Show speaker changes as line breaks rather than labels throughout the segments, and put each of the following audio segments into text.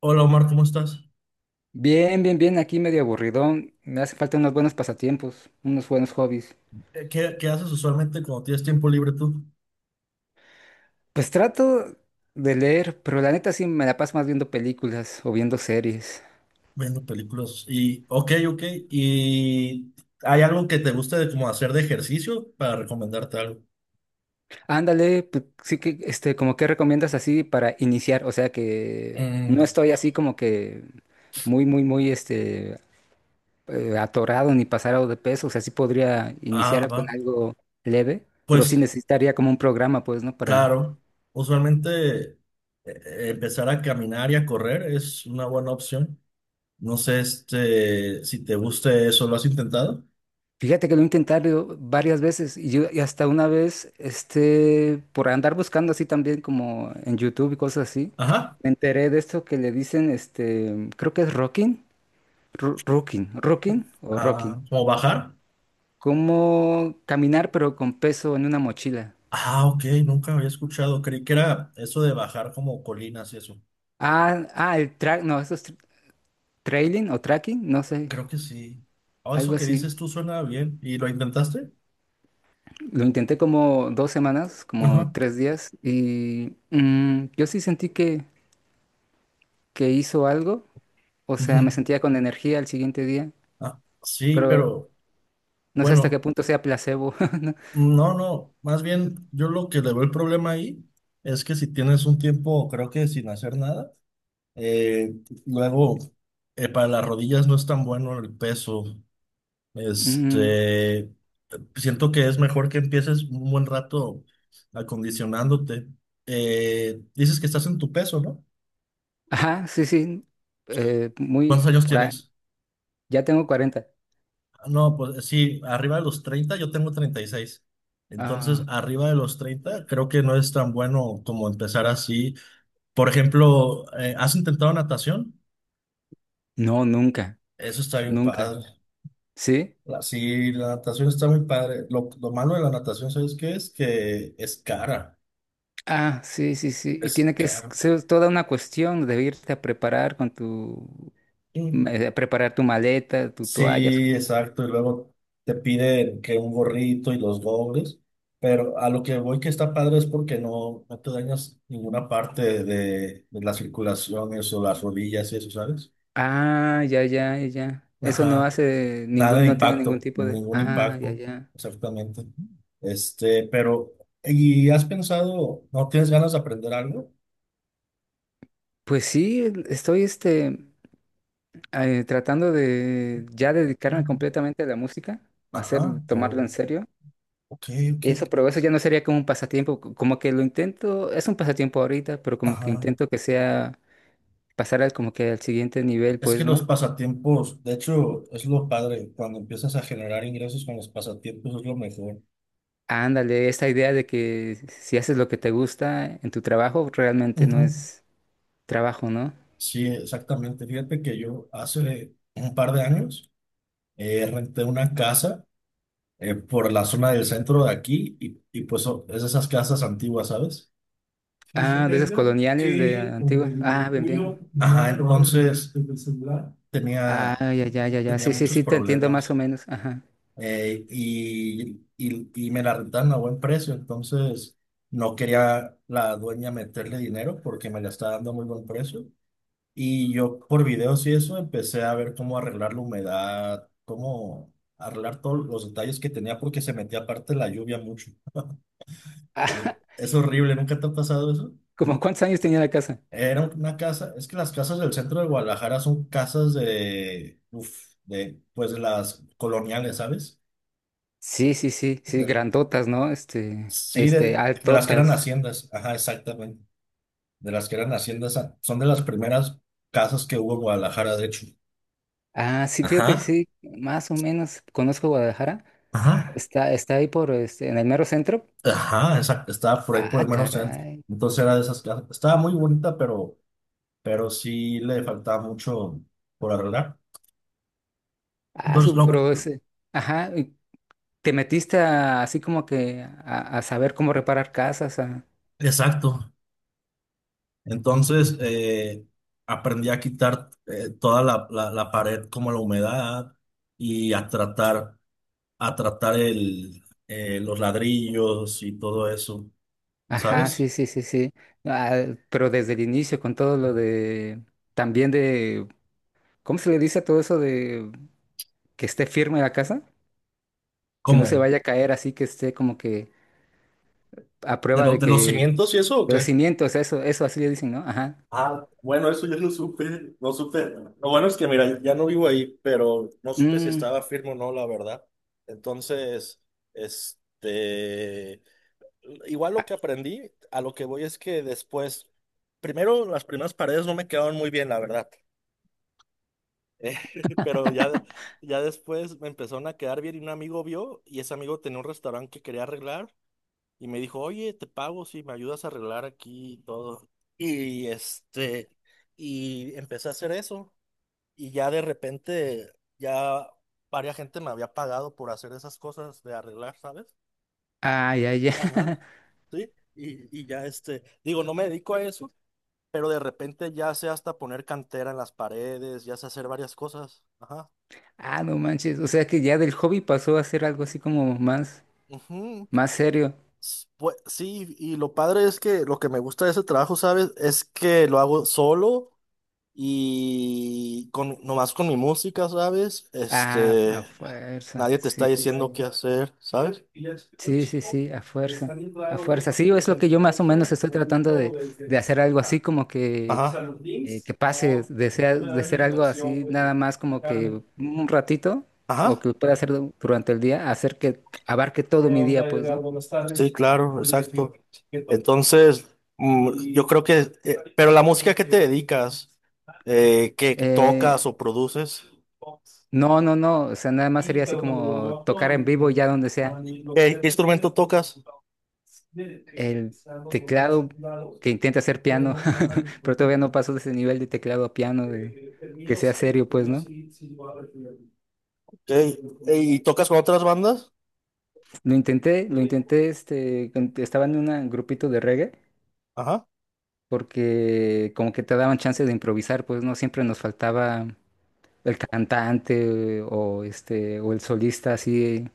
Hola Omar, ¿cómo estás?
Bien, bien, bien, aquí medio aburridón. Me hace falta unos buenos pasatiempos, unos buenos hobbies.
¿Qué haces usualmente cuando tienes tiempo libre tú?
Pues trato de leer, pero la neta sí me la paso más viendo películas o viendo series.
Viendo películas. Y, ok, ok. ¿Y hay algo que te guste de como hacer de ejercicio para recomendarte algo?
Ándale, pues, sí que, como que recomiendas así para iniciar, o sea que
Mm,
no estoy así como que muy, muy, muy, atorado ni pasado de peso, o sea, sí podría
Ah,
iniciar con
va.
algo leve, pero sí
Pues
necesitaría como un programa, pues, ¿no? Para
claro, usualmente empezar a caminar y a correr es una buena opción. No sé este, si te guste eso, ¿lo has intentado?
fíjate que lo he intentado varias veces y, y hasta una vez, por andar buscando así también como en YouTube y cosas así,
Ajá.
me enteré de esto que le dicen, creo que es rocking, rocking, rocking o rocking,
Ah, ¿como bajar?
como caminar pero con peso en una mochila.
Ah, ok, nunca había escuchado. Creí que era eso de bajar como colinas y eso.
Ah, ah, el track, no, eso es trailing o tracking, no sé,
Creo que sí. Ah, eso
algo
que
así.
dices tú suena bien. ¿Y lo intentaste?
Lo intenté como 2 semanas, como
Ajá,
3 días y yo sí sentí que hizo algo. O
ujú.
sea, me sentía con energía al siguiente día,
Ah, sí,
pero
pero
no sé hasta qué
bueno,
punto sea placebo. ¿No?
no, no. Más bien, yo lo que le veo el problema ahí es que si tienes un tiempo, creo que sin hacer nada, eh, luego para las rodillas no es tan bueno el peso.
Mm,
Este, siento que es mejor que empieces un buen rato acondicionándote. Dices que estás en tu peso, ¿no?
ajá, sí, sí. Eh, muy
¿Cuántos años
por ahí.
tienes?
Ya tengo 40.
Ah, no, pues sí, arriba de los treinta, yo tengo treinta y seis. Entonces,
Ah,
arriba de los 30 creo que no es tan bueno como empezar así. Por ejemplo, ¿has intentado natación?
no, nunca,
Eso está bien
nunca.
padre.
¿Sí?
Sí, la natación está muy padre. Lo malo de la natación, ¿sabes qué es? Que es cara.
Ah, sí, sí, sí. Y
Es
tiene que
caro.
ser toda una cuestión de irte a preparar con tu preparar tu maleta, tu toalla,
Sí,
supongo.
exacto. Y luego te piden que un gorrito y los dobles. Pero a lo que voy que está padre es porque no, no te dañas ninguna parte de las circulaciones o las rodillas y eso, ¿sabes?
Ah, ya, ya, ya, ya. Eso no
Ajá.
hace
Nada
ningún,
de
no tiene ningún
impacto,
tipo de
ningún
ah, ya,
impacto,
ya.
exactamente. Este, pero, ¿y has pensado, no tienes ganas de aprender algo?
Pues sí, estoy tratando de ya dedicarme completamente a la música, hacer,
Ajá.
tomarlo en
Oh,
serio.
ok, ok.
Eso, pero eso ya no sería como un pasatiempo, como que lo intento, es un pasatiempo ahorita, pero como que
Ajá.
intento que sea pasar al como que al siguiente nivel,
Es que
pues,
los
¿no?
pasatiempos, de hecho, es lo padre. Cuando empiezas a generar ingresos con los pasatiempos es lo mejor.
Ándale, esta idea de que si haces lo que te gusta en tu trabajo, realmente no
Ujú.
es trabajo, ¿no?
Sí, exactamente. Fíjate que yo hace un par de años renté una casa por la zona del centro de aquí y pues oh, es de esas casas antiguas, ¿sabes?
Ah,
Fíjate,
de esas
Edgar,
coloniales de
que con
antiguas.
el
Ah, bien,
tuyo
bien.
no. Ajá, entonces desde el celular
Ah,
tenía,
ya, ya, ya, ya.
tenía
Sí, sí,
muchos
sí, te entiendo más o
problemas.
menos. Ajá.
Y me la rentaban a buen precio, entonces no quería la dueña meterle dinero porque me la estaba dando a muy buen precio. Y yo por videos y eso empecé a ver cómo arreglar la humedad, cómo arreglar todos los detalles que tenía porque se metía aparte la lluvia mucho. Eh,
Ah,
Es horrible, ¿nunca te ha pasado eso?
¿cómo cuántos años tenía la casa?
Era una casa, es que las casas del centro de Guadalajara son casas de, uf, de, pues de las coloniales, ¿sabes?
Sí, sí, sí, sí,
del-
grandotas, ¿no?
Sí, de las que eran
Altotas.
haciendas, ajá, exactamente. De las que eran haciendas, ah, son de las primeras casas que hubo en Guadalajara, de hecho.
Ah, sí, fíjate que
Ajá,
sí, más o menos conozco Guadalajara.
ajá,
Está, está ahí por, en el mero centro.
ajá, exacto. Estaba por ahí por
Ah,
el mero centro.
caray.
Entonces era de esas casas. Estaba muy bonita, pero sí le faltaba mucho por arreglar.
Ah,
Entonces,
su
lo,
pro ese. Ajá, y te metiste así como que a saber cómo reparar casas.
exacto. Entonces, aprendí a quitar toda la pared como la humedad y a tratar. A tratar el, los ladrillos y todo eso,
Ajá, sí,
¿sabes?
sí, sí, sí. Ah, pero desde el inicio con todo lo de, también de, ¿cómo se le dice a todo eso de que esté firme la casa? Que no se
¿Cómo?
vaya a caer así, que esté como que a
¿De,
prueba de
de los
que,
cimientos y eso o
de los
qué?
cimientos, eso así le dicen, ¿no? Ajá.
Ah, bueno, eso yo lo supe, no supe. Lo bueno es que, mira, ya no vivo ahí, pero no supe si
Mm,
estaba firme o no, la verdad. Entonces, este, igual lo
a-
que aprendí, a lo que voy es que después, primero las primeras paredes no me quedaron muy bien, la verdad. Pero ya, ya después me empezaron a quedar bien y un amigo vio y ese amigo tenía un restaurante que quería arreglar y me dijo, oye, te pago si me ayudas a arreglar aquí y todo. Y este, y empecé a hacer eso y ya de repente ya varias gente me había pagado por hacer esas cosas de arreglar, ¿sabes?
ay, ay, ay.
Ajá. Sí, y ya este, digo, no me dedico a eso, pero de repente ya sé hasta poner cantera en las paredes, ya sé hacer varias cosas. Ajá.
Ah, no manches. O sea que ya del hobby pasó a ser algo así como más,
Ujú.
más serio.
Pues, sí, y lo padre es que lo que me gusta de ese trabajo, ¿sabes? Es que lo hago solo y con, nomás con mi música, ¿sabes?
Ah, a
Este,
fuerza.
nadie te está
Sí, sí,
diciendo
sí.
qué hacer, ¿sabes?
Sí, sí, sí, a fuerza. A fuerza. Sí, es lo que yo más o menos estoy tratando de hacer algo así como
Ajá,
que pase de ser algo así nada más como que un ratito o
ajá.
que pueda hacer durante el día, hacer que abarque todo
¿Qué
mi
onda,
día, pues,
Edgar?
¿no?
Buenas tardes. Sí, tardes. Claro, exacto. Entonces, mm, yo creo que, pero la música que te dedicas, que tocas
Eh,
o produces,
no, no, no, o sea, nada más sería así
pero cuando lo
como
bajo
tocar en vivo ya donde
a
sea.
mi lo ¿qué que instrumento tocas?
El
Están los botones
teclado
activados,
que intenta hacer
pero
piano,
no me mandan ningún
pero todavía
link.
no paso de ese nivel de teclado a piano, de
El
que
mío
sea
sí,
serio,
el
pues,
mío
¿no?
sí, sí va a recibir. Ok, ¿y tocas con otras bandas?
Lo intenté, lo
Eh,
intenté, estaba en un grupito de reggae,
Ajá,
porque como que te daban chance de improvisar, pues, ¿no? Siempre nos faltaba el cantante o o el solista así,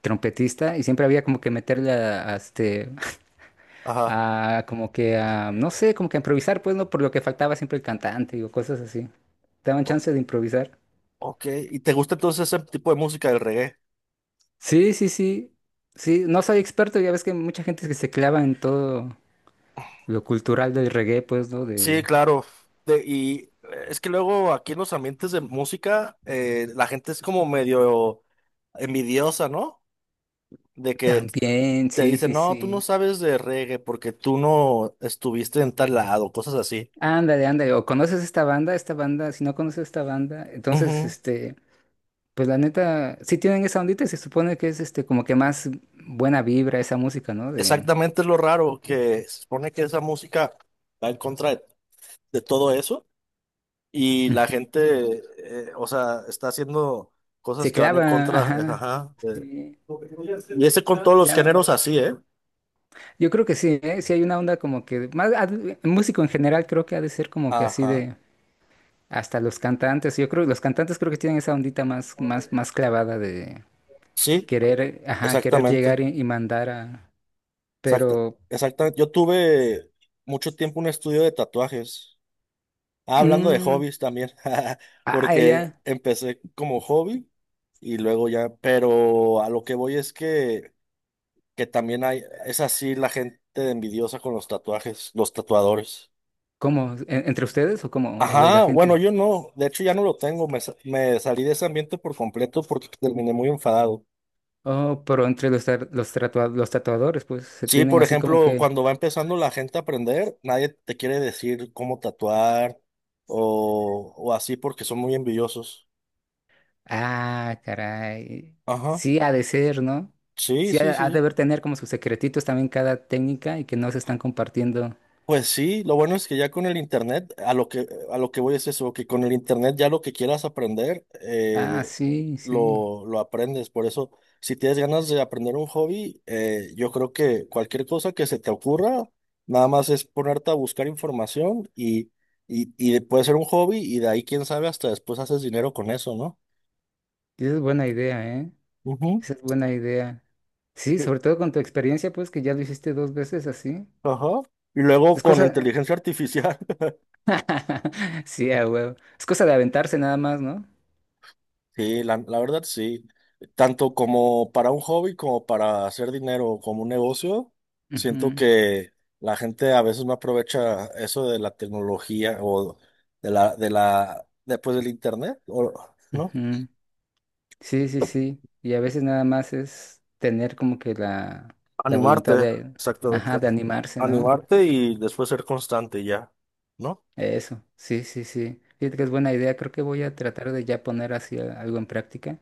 trompetista, y siempre había como que meterle a
ajá.
a como que a, no sé, como que a improvisar, pues, ¿no? Por lo que faltaba siempre el cantante o cosas así. Te daban chance de improvisar.
Ok, ¿y te gusta entonces ese tipo de música del reggae?
Sí, sí, sí. Sí, no soy experto, ya ves que mucha gente que se clava en todo lo cultural del reggae, pues, ¿no?
Sí,
De
claro. Y es que luego aquí en los ambientes de música, la gente es como medio envidiosa, ¿no? De que
También,
te
sí,
dicen,
sí,
no, tú no
sí.
sabes de reggae porque tú no estuviste en tal lado, cosas así.
Ándale, ándale, o conoces esta banda, si no conoces esta banda, entonces,
Ujú.
pues la neta, sí tienen esa ondita, y se supone que es, como que más buena vibra esa música, ¿no? De
Exactamente es lo raro, que se supone que esa música va en contra de todo eso. Y la
ujú.
gente, o sea, está haciendo cosas
Se
que van en
clava,
contra,
ajá,
ajá.
sí,
Y ese con todos
se
los
clava.
géneros así, ¿eh?
Yo creo que sí, ¿eh? Sí hay una onda como que, más, músico en general creo que ha de ser como que así
Ajá.
de, hasta los cantantes, yo creo, los cantantes creo que tienen esa ondita más, más, más clavada de
Sí,
querer, ajá, querer
exactamente.
llegar y mandar a,
Exacta,
pero,
exactamente. Yo tuve mucho tiempo un estudio de tatuajes. Ah, hablando de
mm,
hobbies también,
ah,
porque
ya,
empecé como hobby y luego ya, pero a lo que voy es que también hay, es así la gente envidiosa con los tatuajes, los tatuadores.
¿cómo? ¿Entre ustedes o cómo? ¿O de la
Ajá, bueno,
gente?
yo no, de hecho ya no lo tengo, me, me salí de ese ambiente por completo porque terminé muy enfadado.
Oh, pero entre los, los tatuadores, pues, se
Sí,
tienen
por
así como
ejemplo,
que
cuando va empezando la gente a aprender, nadie te quiere decir cómo tatuar o así porque son muy envidiosos.
ah, caray.
Ajá,
Sí ha de ser, ¿no?
sí,
Sí
sí,
ha, ha de
sí.
haber tener como sus secretitos también cada técnica y que no se están compartiendo.
Pues sí, lo bueno es que ya con el internet, a lo que voy es eso, que con el internet ya lo que quieras aprender,
Ah, sí, sí.
lo aprendes. Por eso, si tienes ganas de aprender un hobby, yo creo que cualquier cosa que se te ocurra, nada más es ponerte a buscar información y puede ser un hobby y de ahí, quién sabe, hasta después haces dinero con eso, ¿no?
Esa es buena idea, ¿eh?
Ujú.
Esa es buena idea. Sí,
Y-
sobre todo con tu experiencia, pues que ya lo hiciste dos veces así.
Ajá. Y luego
Es
con
cosa
inteligencia artificial.
sí, a huevo. Es cosa de aventarse nada más, ¿no?
Sí, la verdad sí. Tanto como para un hobby como para hacer dinero, como un negocio, siento
Ujú,
que la gente a veces no aprovecha eso de la tecnología o de la, después del internet, o, ¿no?
ujú. Sí, sí, sí. Y a veces nada más es tener como que la
Animarte,
voluntad de,
exactamente.
ajá, de animarse, ¿no?
Animarte y después ser constante ya, ¿no?
Eso, sí, sí, sí. Fíjate que es buena idea. Creo que voy a tratar de ya poner así algo en práctica.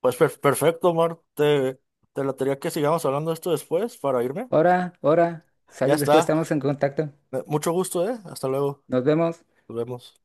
Pues perfecto, Mar. Te latería que sigamos hablando de esto después para irme.
Ahora, ahora,
Ya
sale, después
está.
estamos en contacto.
Mucho gusto, ¿eh? Hasta luego.
Nos vemos.
Nos vemos.